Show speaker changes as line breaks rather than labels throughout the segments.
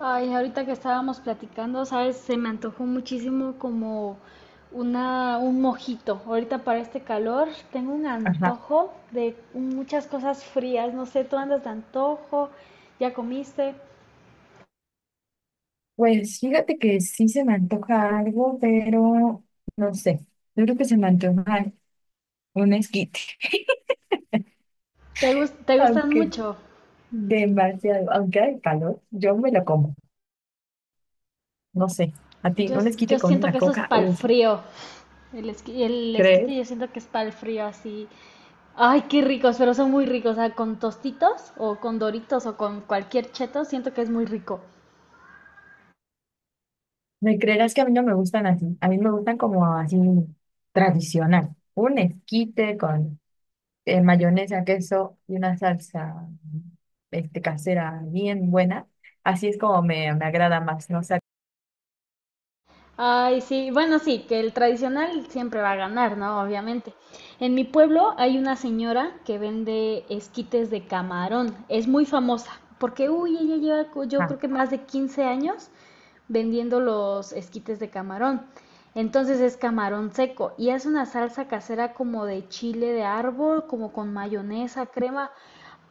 Ay, ahorita que estábamos platicando, sabes, se me antojó muchísimo como un mojito. Ahorita para este calor tengo un
Ajá.
antojo de muchas cosas frías. No sé, tú andas de antojo, ya comiste.
Pues fíjate que sí se me antoja algo, pero no sé. Yo creo que se me antoja un esquite.
¿ Te gustan
Aunque
mucho?
demasiado, aunque hay calor, yo me lo como. No sé. A ti,
Yo,
un
yo
esquite con
siento
una
que eso es
coca,
para el
uf,
frío. El
¿crees?
esquite yo siento que es para el frío así. Ay, qué ricos, pero son muy ricos. O sea, con tostitos o con doritos o con cualquier cheto, siento que es muy rico.
¿Me creerás que a mí no me gustan así? A mí me gustan como así tradicional. Un esquite con mayonesa, queso y una salsa casera bien buena. Así es como me agrada más, no sé.
Ay, sí, bueno, sí, que el tradicional siempre va a ganar, ¿no? Obviamente. En mi pueblo hay una señora que vende esquites de camarón, es muy famosa, porque, uy, yo creo que más de 15 años vendiendo los esquites de camarón. Entonces es camarón seco y hace una salsa casera como de chile de árbol, como con mayonesa, crema.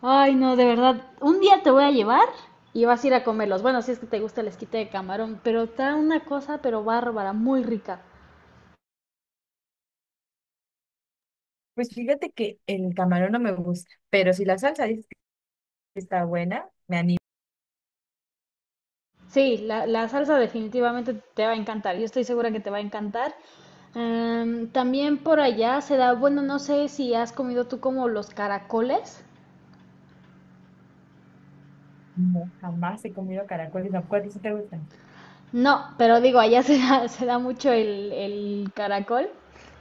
Ay, no, de verdad. Un día te voy a llevar y vas a ir a comerlos. Bueno, si es que te gusta el esquite de camarón, pero está una cosa, pero bárbara, muy rica.
Pues fíjate que el camarón no me gusta, pero si la salsa dices que está buena, me animo.
Sí, la salsa definitivamente te va a encantar. Yo estoy segura que te va a encantar. También por allá se da, bueno, no sé si has comido tú como los caracoles.
No, jamás he comido caracoles, ¿no? ¿Cuáles sí te gustan?
No, pero digo, allá se da mucho el caracol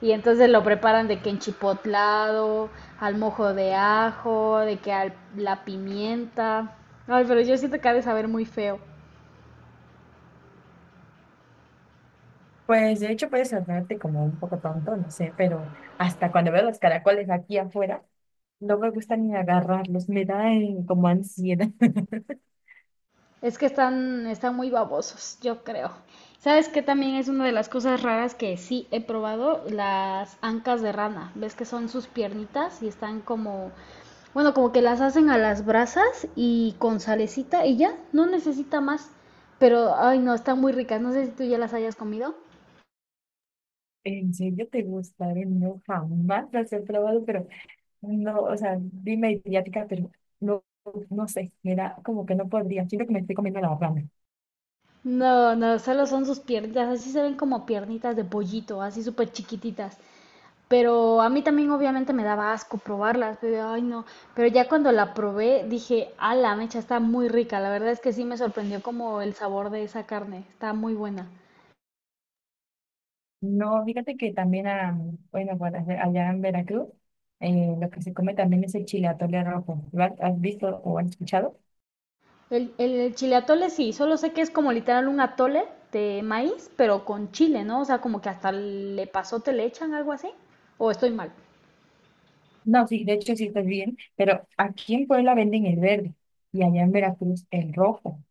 y entonces lo preparan de que en chipotlado, al mojo de ajo, de que al, la pimienta. Ay, pero yo siento que ha de saber muy feo.
Pues de hecho puedes sonarte como un poco tonto, no sé, pero hasta cuando veo los caracoles aquí afuera, no me gusta ni agarrarlos, me da como ansiedad.
Es que están, están muy babosos, yo creo. ¿Sabes qué también es una de las cosas raras que sí he probado? Las ancas de rana. ¿Ves que son sus piernitas y están como, bueno, como que las hacen a las brasas y con salecita y ya, no necesita más. Pero, ay, no, están muy ricas. No sé si tú ya las hayas comido.
¿En serio te gustaron? No, jamás las he probado, pero no, o sea, dime idiática, pero no, no sé, me da como que no podría, siento que me estoy comiendo la rana.
No, no, solo son sus piernitas. Así se ven como piernitas de pollito, así súper chiquititas. Pero a mí también obviamente me daba asco probarlas, pero ay no, pero ya cuando la probé dije, a la mecha está muy rica, la verdad es que sí me sorprendió como el sabor de esa carne, está muy buena.
No, fíjate que también, ah, bueno, allá en Veracruz, lo que se come también es el chile atole rojo. ¿Lo has visto o has escuchado?
El chile atole sí, solo sé que es como literal un atole de maíz, pero con chile, ¿no? O sea, como que hasta le pasote le echan algo así, o estoy mal.
No, sí, de hecho sí estás bien, pero aquí en Puebla venden el verde y allá en Veracruz el rojo.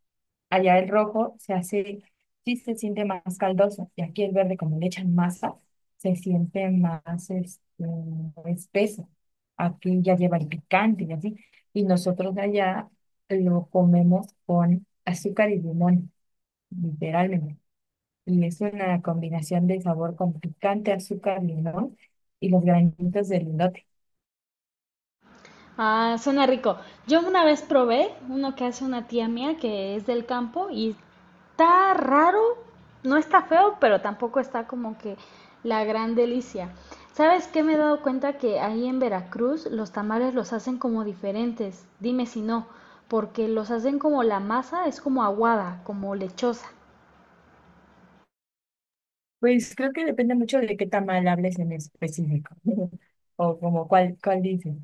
Allá el rojo se hace, sí se siente más caldoso y aquí el verde, como le echan masa, se siente más espeso. Aquí ya lleva el picante y así. Y nosotros allá lo comemos con azúcar y limón. Literalmente. Y es una combinación de sabor con picante, azúcar, limón y los granitos de lindote.
Ah, suena rico. Yo una vez probé uno que hace una tía mía que es del campo y está raro, no está feo, pero tampoco está como que la gran delicia. ¿Sabes qué? Me he dado cuenta que ahí en Veracruz los tamales los hacen como diferentes. Dime si no, porque los hacen como la masa es como aguada, como lechosa.
Pues creo que depende mucho de qué tamal hables en específico. O como cuál dices.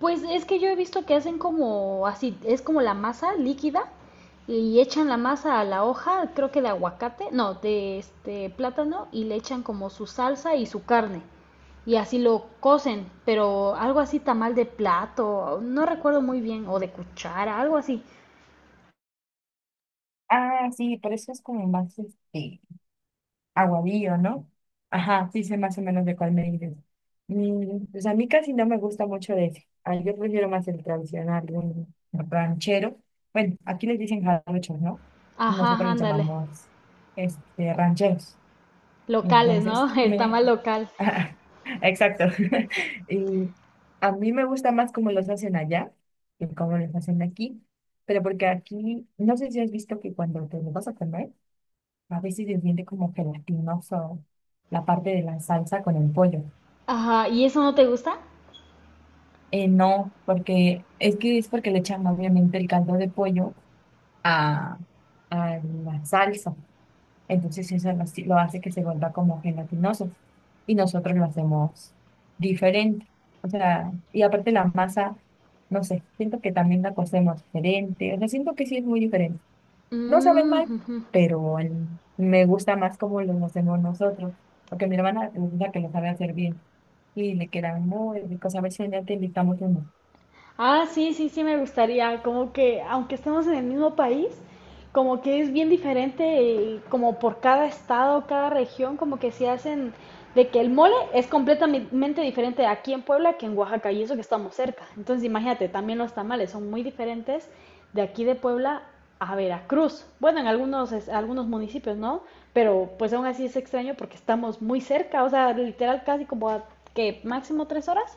Pues es que yo he visto que hacen como así, es como la masa líquida y echan la masa a la hoja, creo que de aguacate, no, de este plátano y le echan como su salsa y su carne y así lo cocen, pero algo así tamal de plato, no recuerdo muy bien, o de cuchara, algo así.
Ah, sí, pero eso es como más este. Aguadillo, ¿no? Ajá, sí sé más o menos de cuál me dices. Mm, pues a mí casi no me gusta mucho de ese. Ah, yo prefiero más el tradicional, el ranchero. Bueno, aquí les dicen jarochos, ¿no?
Ajá,
Nosotros les
ándale.
llamamos rancheros.
Locales,
Entonces,
¿no? El
me...
tamal local.
ajá, exacto. Y a mí me gusta más cómo los hacen allá que cómo los hacen aquí. Pero porque aquí, no sé si has visto que cuando te lo vas a comer, a veces se siente como gelatinoso la parte de la salsa con el pollo.
Ajá, ¿y eso no te gusta?
No, porque es que es porque le echan obviamente el caldo de pollo a, a la salsa. Entonces eso lo hace que se vuelva como gelatinoso. Y nosotros lo hacemos diferente. O sea, y aparte la masa, no sé, siento que también la cocemos diferente. O sea, siento que sí es muy diferente. No saben
Mm,
mal,
ujú.
pero el- me gusta más como los hacemos nosotros, porque mi hermana es la que lo sabe hacer bien y le quedan muy ricos. A ver si un día te invitamos uno.
Ah, sí, sí, sí, me gustaría. Como que, aunque estemos en el mismo país, como que es bien diferente, y como por cada estado, cada región, como que se hacen de que el mole es completamente diferente aquí en Puebla que en Oaxaca, y eso que estamos cerca. Entonces, imagínate, también los tamales son muy diferentes de aquí de Puebla a Veracruz. Bueno, en algunos, algunos municipios, ¿no? Pero pues aún así es extraño porque estamos muy cerca, o sea, literal casi como a que máximo 3 horas.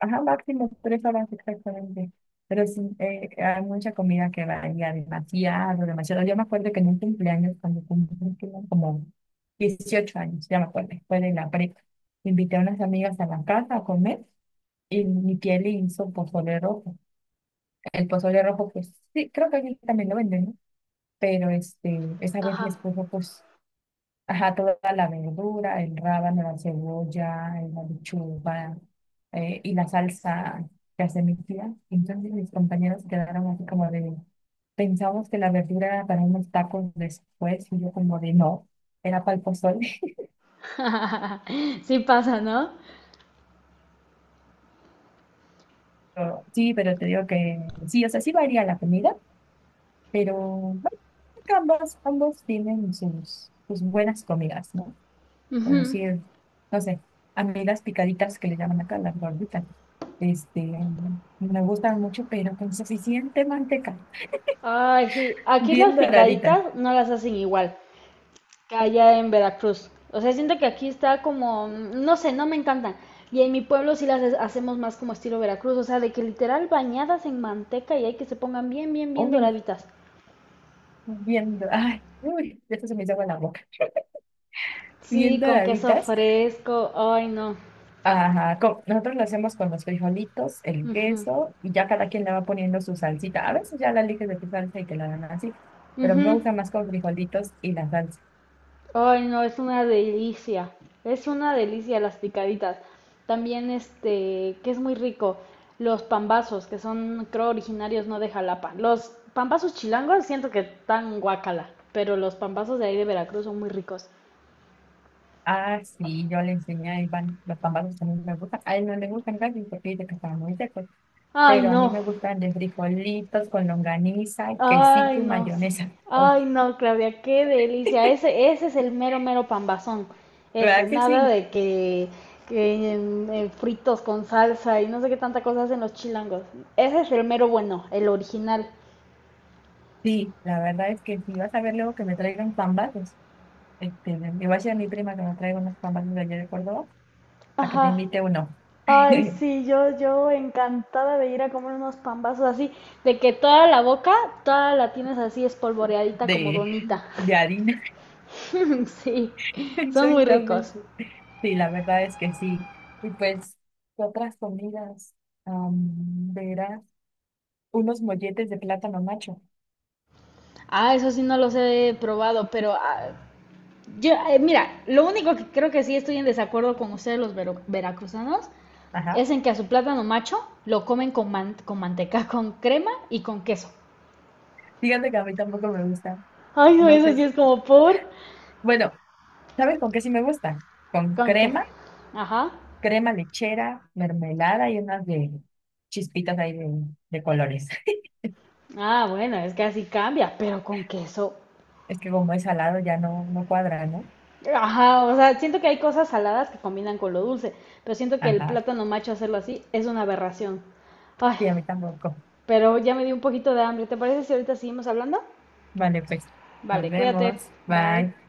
Ajá, máximo 3 horas exactamente. Pero sí, hay mucha comida que varía demasiado, demasiado. Yo me acuerdo que en un cumpleaños, cuando cumplí que eran como 18 años, ya me acuerdo, fue de la prepa, invité a unas amigas a la casa a comer y mi tía le hizo pozole rojo. El pozole rojo, pues sí, creo que aquí también lo venden, ¿no? Pero este, esa vez
Ajá.
les puso pues, ajá, toda la verdura, el rábano, la cebolla, la lechuga y la salsa que hace mi tía. Entonces mis compañeros quedaron así como de, pensamos que la verdura era para unos tacos después y yo como de, no, era para el pozole.
Sí pasa, ¿no?
Pero, sí, pero te digo que sí, o sea, sí varía la comida, pero bueno, creo que ambos tienen sus, sus buenas comidas, ¿no? Pero
Ujú.
sí es, no sé, a mí las picaditas que le llaman acá, las gorditas, este, me gustan mucho, pero con suficiente manteca,
Ay, sí. Aquí
bien
las
doraditas,
picaditas no las hacen igual que allá en Veracruz. O sea, siento que aquí está como, no sé, no me encantan. Y en mi pueblo sí las hacemos más como estilo Veracruz, o sea, de que literal bañadas en manteca y hay que se pongan bien, bien, bien
uy,
doraditas.
bien, do- ay, uy, ya se me hizo agua en la boca, bien
Sí, con queso
doraditas,
fresco. Ay, no.
ajá, co- nosotros lo hacemos con los frijolitos, el
Ujú.
queso, y ya cada quien le va poniendo su salsita, a veces ya la eliges de tu salsa y te la dan así, pero a mí me
Ujú.
gusta más con frijolitos y la salsa.
Ay, no, es una delicia. Es una delicia las picaditas. También este, que es muy rico, los pambazos, que son, creo, originarios no de Jalapa. Los pambazos chilangos siento que están guacala, pero los pambazos de ahí de Veracruz son muy ricos.
Ah, sí, yo le enseñé a Iván, los tamales también me gustan. A él no le gustan casi porque dice que están muy secos,
Ay,
pero a mí
no.
me gustan de frijolitos con longaniza,
Ay,
quesito y
no sé.
mayonesa. Uf,
Ay, no, Claudia, qué delicia. Ese es el mero, mero pambazón. Ese,
¿verdad que
nada
sí?
de que en fritos con salsa y no sé qué tanta cosa hacen los chilangos. Ese es el mero bueno, el original.
Sí, la verdad es que si vas a ver luego que me traigan pambazos, este, le voy a decir a mi prima que me traiga unos pambazos de allá de Córdoba, a que te
Ajá.
invite uno
Ay, sí, yo encantada de ir a comer unos pambazos así, de que toda la boca, toda la tienes así espolvoreadita como
de,
donita.
de harina.
Sí, son muy ricos.
Exactamente. Sí, la verdad es que sí. Y pues, ¿qué otras comidas? Verás unos molletes de plátano macho.
Ah, eso sí no los he probado, pero ah, yo mira, lo único que creo que sí estoy en desacuerdo con ustedes los veracruzanos
Ajá.
es en que a su plátano macho lo comen con, con manteca, con crema y con queso.
Fíjate que a mí tampoco me gustan.
Ay, no,
No
eso sí
sé.
es como por...
Bueno, ¿sabes con qué sí me gustan? Con
¿Con qué?
crema,
Ajá.
crema lechera, mermelada y unas de chispitas ahí de colores.
Ah, bueno, es que así cambia, pero con queso.
Es que como es salado ya no, no cuadra, ¿no?
Ajá, o sea, siento que hay cosas saladas que combinan con lo dulce, pero siento que el
Ajá.
plátano macho hacerlo así es una aberración. Ay,
Sí, a mí tampoco.
pero ya me dio un poquito de hambre. ¿Te parece si ahorita seguimos hablando?
Vale, pues. Nos
Vale, cuídate.
vemos.
Bye.
Bye.